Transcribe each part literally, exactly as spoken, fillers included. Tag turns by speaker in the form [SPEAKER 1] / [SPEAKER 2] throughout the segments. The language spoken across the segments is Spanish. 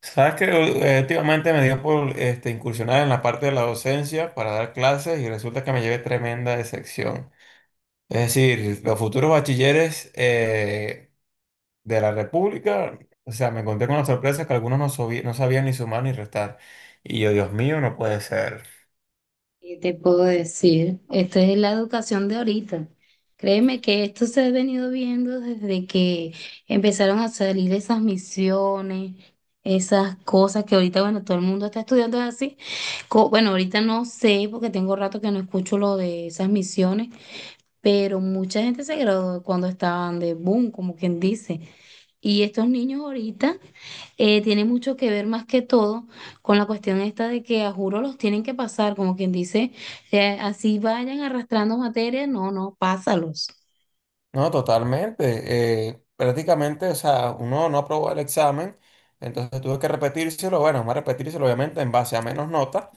[SPEAKER 1] Sabes que eh, últimamente me dio por este, incursionar en la parte de la docencia para dar clases y resulta que me llevé tremenda decepción. Es decir, los futuros bachilleres eh, de la República, o sea, me encontré con la sorpresa que algunos no, sobi- no sabían ni sumar ni restar. Y yo, Dios mío, no puede ser.
[SPEAKER 2] ¿Qué te puedo decir? Esta es la educación de ahorita. Créeme que esto se ha venido viendo desde que empezaron a salir esas misiones, esas cosas que ahorita, bueno, todo el mundo está estudiando así. Co- Bueno, ahorita no sé porque tengo rato que no escucho lo de esas misiones, pero mucha gente se graduó cuando estaban de boom, como quien dice. Y estos niños ahorita eh, tienen mucho que ver más que todo con la cuestión esta de que a juro los tienen que pasar, como quien dice, eh, así vayan arrastrando materia, no, no, pásalos.
[SPEAKER 1] No, totalmente. Eh, prácticamente, o sea, uno no aprobó el examen, entonces tuve que repetírselo, bueno, más repetírselo obviamente en base a menos notas,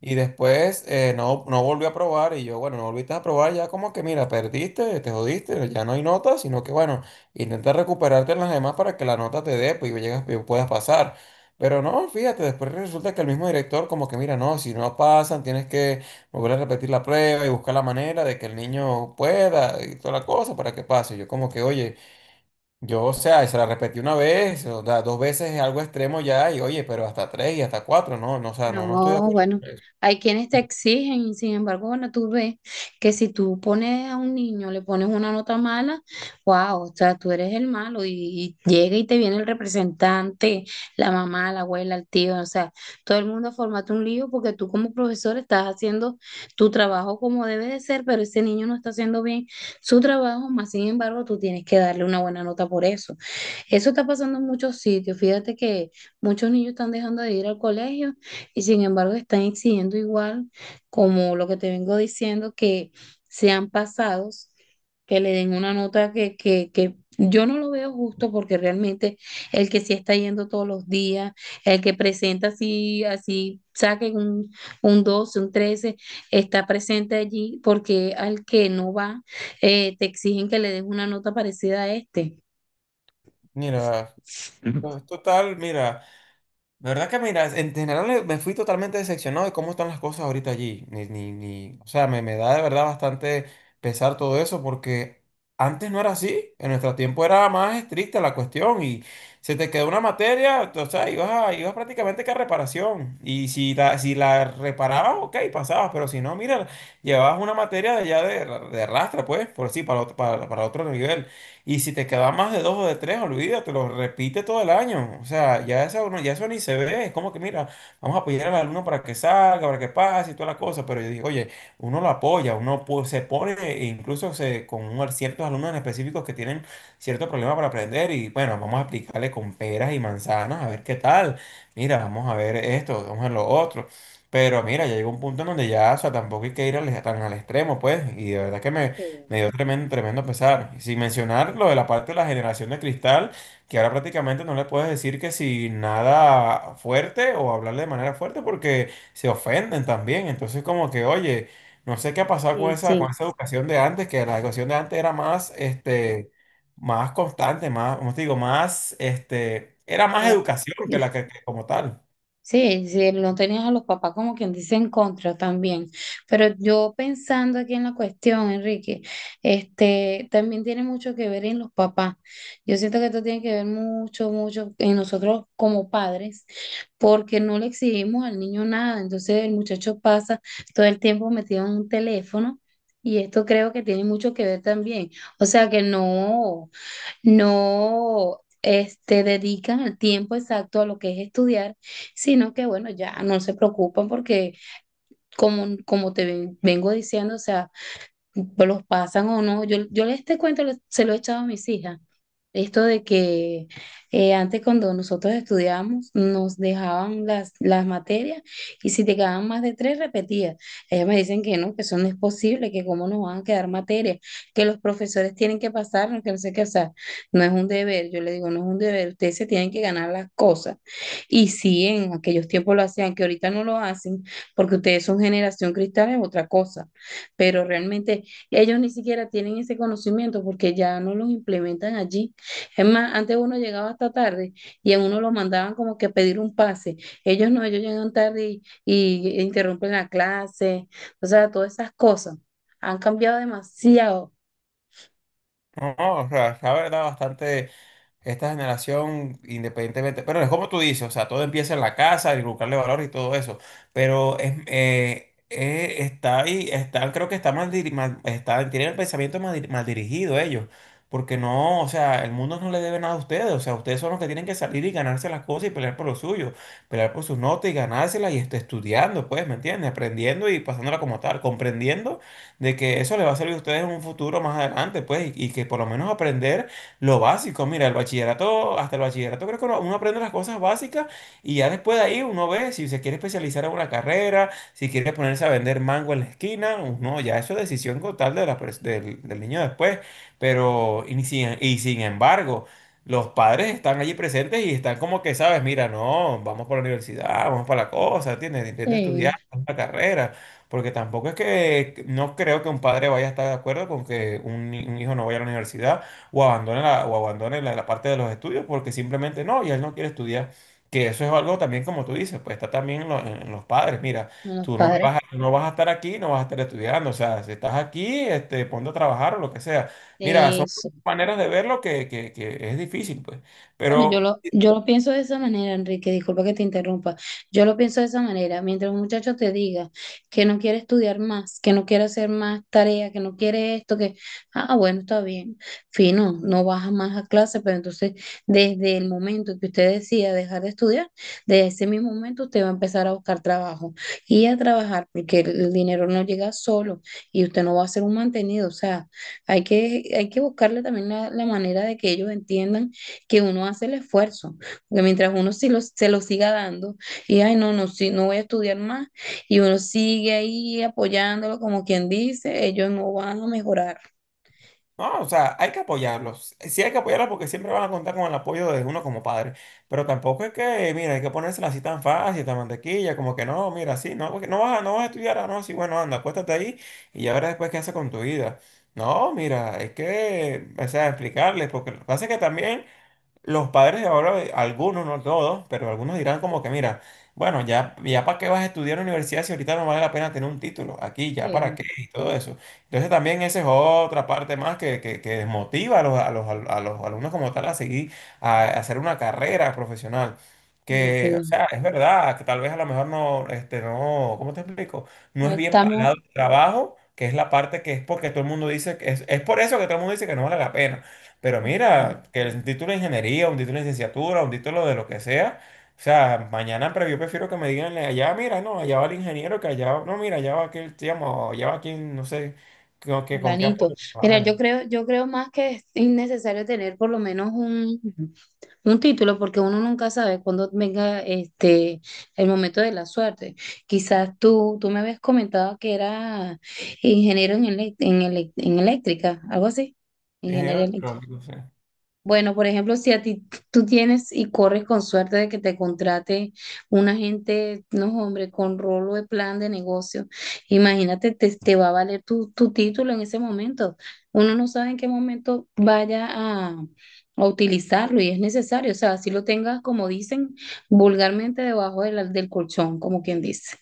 [SPEAKER 1] y después eh, no, no volví a aprobar, y yo, bueno, no volviste a aprobar, ya como que, mira, perdiste, te jodiste, ya no hay notas, sino que, bueno, intenta recuperarte en las demás para que la nota te dé, pues, y llegas, y puedas pasar. Pero no, fíjate, después resulta que el mismo director como que, mira, no, si no pasan, tienes que volver a repetir la prueba y buscar la manera de que el niño pueda y toda la cosa para que pase. Yo como que, oye, yo, o sea, se la repetí una vez, o sea, dos veces es algo extremo ya, y oye, pero hasta tres y hasta cuatro, no, no, o sea, no, no estoy de
[SPEAKER 2] No,
[SPEAKER 1] acuerdo
[SPEAKER 2] bueno,
[SPEAKER 1] con eso.
[SPEAKER 2] hay quienes te exigen y sin embargo, bueno, tú ves que si tú pones a un niño, le pones una nota mala, wow, o sea, tú eres el malo y, y llega y te viene el representante, la mamá, la abuela, el tío, o sea, todo el mundo formate un lío porque tú como profesor estás haciendo tu trabajo como debe de ser, pero ese niño no está haciendo bien su trabajo, más sin embargo, tú tienes que darle una buena nota por eso. Eso está pasando en muchos sitios, fíjate que muchos niños están dejando de ir al colegio y sin embargo, están exigiendo igual, como lo que te vengo diciendo, que sean pasados, que le den una nota que, que, que yo no lo veo justo porque realmente el que sí está yendo todos los días, el que presenta así, así, saquen un, un doce un trece está presente allí porque al que no va, eh, te exigen que le des una nota parecida a este.
[SPEAKER 1] Mira,
[SPEAKER 2] Ujú.
[SPEAKER 1] pues, total, mira. De verdad que mira, en general eh, me fui totalmente decepcionado de cómo están las cosas ahorita allí. Ni, ni, ni, o sea, me, me da de verdad bastante pesar todo eso porque antes no era así. En nuestro tiempo era más estricta la cuestión y se te quedó una materia, o sea, ibas, a- ibas prácticamente que a reparación. Y si la, si la reparabas, ok, pasabas, pero si no, mira, llevabas una materia de ya de, de rastra, pues, por así, para, otro- para, para otro nivel. Y si te queda más de dos o de tres, olvídate, lo repite todo el año. O sea, ya eso, no- ya eso ni se ve. Es como que, mira, vamos a apoyar al alumno para que salga, para que pase y toda la cosa. Pero yo digo, oye, uno lo apoya, uno pu- se pone, e incluso se, con un- ciertos alumnos en específicos que tienen cierto problema para aprender. Y bueno, vamos a aplicarle con peras y manzanas, a ver qué tal. Mira, vamos a ver esto, vamos a ver lo otro. Pero mira, ya llegó un punto en donde ya, o sea, tampoco hay que ir al- tan al extremo, pues. Y de verdad que me
[SPEAKER 2] Sí,
[SPEAKER 1] me dio tremendo, tremendo pesar. Y sin mencionar lo de la parte de la generación de cristal, que ahora prácticamente no le puedes decir que si nada fuerte o hablarle de manera fuerte porque se ofenden también. Entonces como que, oye, no sé qué ha pasado con
[SPEAKER 2] sí,
[SPEAKER 1] esa, con
[SPEAKER 2] sí,
[SPEAKER 1] esa educación de antes, que la educación de antes era más, este, más constante, más, como te digo, más, este, era más
[SPEAKER 2] como-
[SPEAKER 1] educación que la que, que como tal.
[SPEAKER 2] sí, sí, no tenías a los papás como quien dice en contra también. Pero yo pensando aquí en la cuestión, Enrique, este, también tiene mucho que ver en los papás. Yo siento que esto tiene que ver mucho, mucho en nosotros como padres, porque no le exigimos al niño nada. Entonces el muchacho pasa todo el tiempo metido en un teléfono y esto creo que tiene mucho que ver también. O sea que no no este, dedican el tiempo exacto a lo que es estudiar, sino que bueno, ya no se preocupan porque como, como te ven- vengo diciendo, o sea, pues los pasan o no. Yo, yo este cuento lo- se lo he echado a mis hijas. Esto de que eh, antes cuando nosotros estudiábamos nos dejaban las, las materias y si te quedaban más de tres repetías. Ellas me dicen que no, que eso no es posible, que cómo nos van a quedar materias, que los profesores tienen que pasarnos, que no sé qué, o sea, no es un deber. Yo le digo, no es un deber, ustedes se tienen que ganar las cosas. Y si en aquellos tiempos lo hacían, que ahorita no lo hacen, porque ustedes son generación cristal, es otra cosa pero realmente ellos ni siquiera tienen ese conocimiento porque ya no los implementan allí. Es más, antes uno llegaba hasta tarde y a uno lo mandaban como que a pedir un pase. Ellos no, ellos llegan tarde y, y interrumpen la clase. O sea, todas esas cosas han cambiado demasiado
[SPEAKER 1] No, no, o sea, la verdad, bastante esta generación, independientemente, pero es como tú dices, o sea, todo empieza en la casa, y buscarle valor y todo eso, pero es, eh, eh, está ahí, está, creo que está mal, diri- mal- está, tienen el pensamiento mal, di- mal dirigido ellos, porque no, o sea, el mundo no le debe nada a ustedes, o sea, ustedes son los que tienen que salir y ganarse las cosas y pelear por lo suyo, pelear por sus notas y ganárselas y este, estudiando, pues, ¿me entiendes? Aprendiendo y pasándola como tal, comprendiendo de que eso les va a servir a ustedes en un futuro más adelante, pues, y y que por lo menos aprender lo básico. Mira, el bachillerato, hasta el bachillerato creo que uno uno aprende las cosas básicas y ya después de ahí uno ve si se quiere especializar en una carrera, si quiere ponerse a vender mango en la esquina, pues no, ya eso es decisión total de la pers- del, del niño después. Pero, y sin, y sin embargo, los padres están allí presentes y están como que, sabes, mira, no, vamos para la universidad, vamos para la cosa, ¿entiendes? Intenta
[SPEAKER 2] eh,
[SPEAKER 1] estudiar una carrera. Porque tampoco es que no creo que un padre vaya a estar de acuerdo con que un, ni- un hijo no vaya a la universidad o abandone la, o abandone la, la parte de los estudios porque simplemente no, y él no quiere estudiar. Que eso es algo también, como tú dices, pues está también en, lo- en los padres. Mira,
[SPEAKER 2] a los
[SPEAKER 1] tú no me
[SPEAKER 2] padres.
[SPEAKER 1] vas a, no vas a estar aquí, no vas a estar estudiando. O sea, si estás aquí, este, ponte a trabajar o lo que sea. Mira,
[SPEAKER 2] Sí.
[SPEAKER 1] son maneras de verlo que, que, que es difícil, pues.
[SPEAKER 2] Bueno, yo
[SPEAKER 1] Pero.
[SPEAKER 2] lo, yo lo pienso de esa manera, Enrique, disculpa que te interrumpa. Yo lo pienso de esa manera. Mientras un muchacho te diga que no quiere estudiar más, que no quiere hacer más tareas, que no quiere esto, que, ah, bueno, está bien, fino, no baja más a clase, pero entonces desde el momento que usted decida dejar de estudiar, desde ese mismo momento usted va a empezar a buscar trabajo y a trabajar, porque el, el dinero no llega solo y usted no va a ser un mantenido. O sea, hay que, hay que buscarle también la la manera de que ellos entiendan que uno hace el esfuerzo, porque mientras uno sí lo, se lo siga dando y, ay, no, no, sí, no voy a estudiar más, y uno sigue ahí apoyándolo como quien dice, ellos no van a mejorar.
[SPEAKER 1] No, o sea, hay que apoyarlos. Sí hay que apoyarlos porque siempre van a contar con el apoyo de uno como padre. Pero tampoco es que, mira, hay que ponérsela así tan fácil, tan mantequilla, como que no, mira, sí, no, porque no vas a, no vas a estudiar, ah, no, sí, bueno, anda, acuéstate ahí y ya verás después qué haces con tu vida. No, mira, es que, o sea, explicarles, porque lo que pasa es que también los padres de ahora, eh, algunos, no todos, pero algunos dirán como que, mira, bueno, ya, ya para qué vas a estudiar en la universidad si ahorita no vale la pena tener un título aquí, ya para
[SPEAKER 2] Sí,
[SPEAKER 1] qué y todo eso. Entonces también esa es otra parte más que, que, que desmotiva a los, a los, a los alumnos como tal a seguir, a, a hacer una carrera profesional.
[SPEAKER 2] sí,
[SPEAKER 1] Que, o
[SPEAKER 2] sí.
[SPEAKER 1] sea, es verdad, que tal vez a lo mejor no, este, no, ¿cómo te explico? No
[SPEAKER 2] No
[SPEAKER 1] es bien
[SPEAKER 2] estamos.
[SPEAKER 1] pagado el trabajo, que es la parte que es porque todo el mundo dice, que es, es por eso que todo el mundo dice que no vale la pena. Pero
[SPEAKER 2] Ujú,
[SPEAKER 1] mira, que el título de ingeniería, un título de licenciatura, un título de lo que sea, o sea, mañana, pero yo prefiero que me digan allá, mira, no, allá va el ingeniero, que allá, no, mira, allá va aquel, digamos, allá va quien, no sé, con, que, con qué
[SPEAKER 2] fulanito.
[SPEAKER 1] apoyo.
[SPEAKER 2] Mira, yo
[SPEAKER 1] Trabajan.
[SPEAKER 2] creo, yo creo más que es innecesario tener por lo menos un, un título, porque uno nunca sabe cuándo venga este, el momento de la suerte. Quizás tú, tú me habías comentado que era ingeniero en, elec- en, elec- en eléctrica, algo así,
[SPEAKER 1] Ingeniero,
[SPEAKER 2] ingeniería eléctrica.
[SPEAKER 1] electrónico, sí.
[SPEAKER 2] Bueno, por ejemplo, si a ti tú tienes y corres con suerte de que te contrate un agente, no, hombre, con rolo de plan de negocio, imagínate, te, te va a valer tu, tu título en ese momento. Uno no sabe en qué momento vaya a, a utilizarlo y es necesario. O sea, si lo tengas, como dicen, vulgarmente debajo de la- del colchón, como quien dice.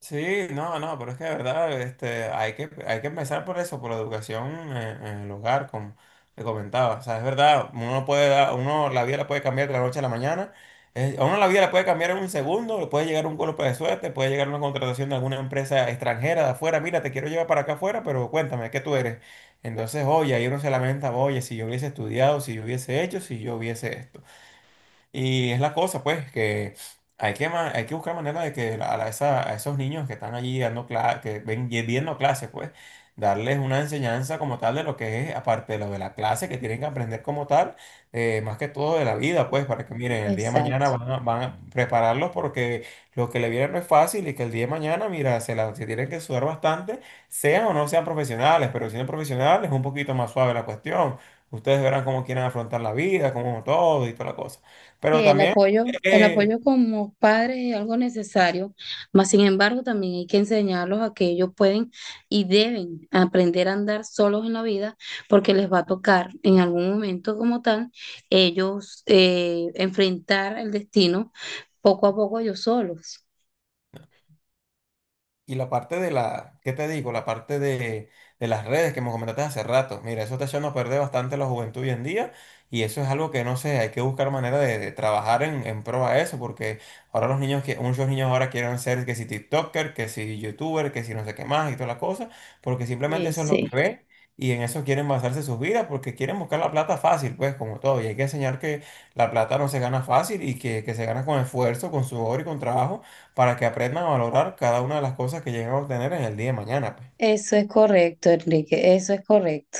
[SPEAKER 1] Sí, no, no, pero es que de verdad este, hay que, hay que empezar por eso, por la educación en, en el hogar, como te comentaba. O sea, es verdad, uno puede dar, uno la vida la puede cambiar de la noche a la mañana. Eh, a uno la vida la puede cambiar en un segundo, le puede llegar un golpe de suerte, puede llegar una contratación de alguna empresa extranjera de afuera. Mira, te quiero llevar para acá afuera, pero cuéntame, ¿qué tú eres? Entonces, oye, ahí uno se lamenta, oye, si yo hubiese estudiado, si yo hubiese hecho, si yo hubiese esto. Y es la cosa, pues, que hay que, ma- hay que buscar manera de que a, la- esa- a esos niños que están allí dando clases, que ven y viendo clases, pues, darles una enseñanza como tal de lo que es, aparte de lo de la clase, que tienen que aprender como tal, eh, más que todo de la vida, pues,
[SPEAKER 2] Sí.
[SPEAKER 1] para que miren, el día de mañana
[SPEAKER 2] Exacto.
[SPEAKER 1] van a, van a prepararlos porque lo que le viene no es fácil y que el día de mañana, mira, se, la, se tienen que sudar bastante, sean o no sean profesionales, pero si son profesionales es un poquito más suave la cuestión. Ustedes verán cómo quieren afrontar la vida, cómo todo y toda la cosa.
[SPEAKER 2] Sí,
[SPEAKER 1] Pero
[SPEAKER 2] el
[SPEAKER 1] también,
[SPEAKER 2] apoyo, el
[SPEAKER 1] eh,
[SPEAKER 2] apoyo como padres es algo necesario, mas sin embargo también hay que enseñarlos a que ellos pueden y deben aprender a andar solos en la vida porque les va a tocar en algún momento como tal ellos eh, enfrentar el destino poco a poco ellos solos.
[SPEAKER 1] y la parte de la, ¿qué te digo? La parte de, de las redes que me comentaste hace rato. Mira, eso está echando a perder bastante la juventud hoy en día y eso es algo que no sé, hay que buscar manera de, de trabajar en, en pro a eso porque ahora los niños, que, muchos niños ahora quieren ser que si TikToker, que si YouTuber, que si no sé qué más y toda la cosa, porque simplemente
[SPEAKER 2] Sí,
[SPEAKER 1] eso es lo que
[SPEAKER 2] sí,
[SPEAKER 1] ven. Y en eso quieren basarse sus vidas porque quieren buscar la plata fácil, pues como todo. Y hay que enseñar que la plata no se gana fácil y que, que se gana con esfuerzo, con sudor y con trabajo para que aprendan a valorar cada una de las cosas que lleguen a obtener en el día de mañana, pues.
[SPEAKER 2] eso es correcto, Enrique, eso es correcto.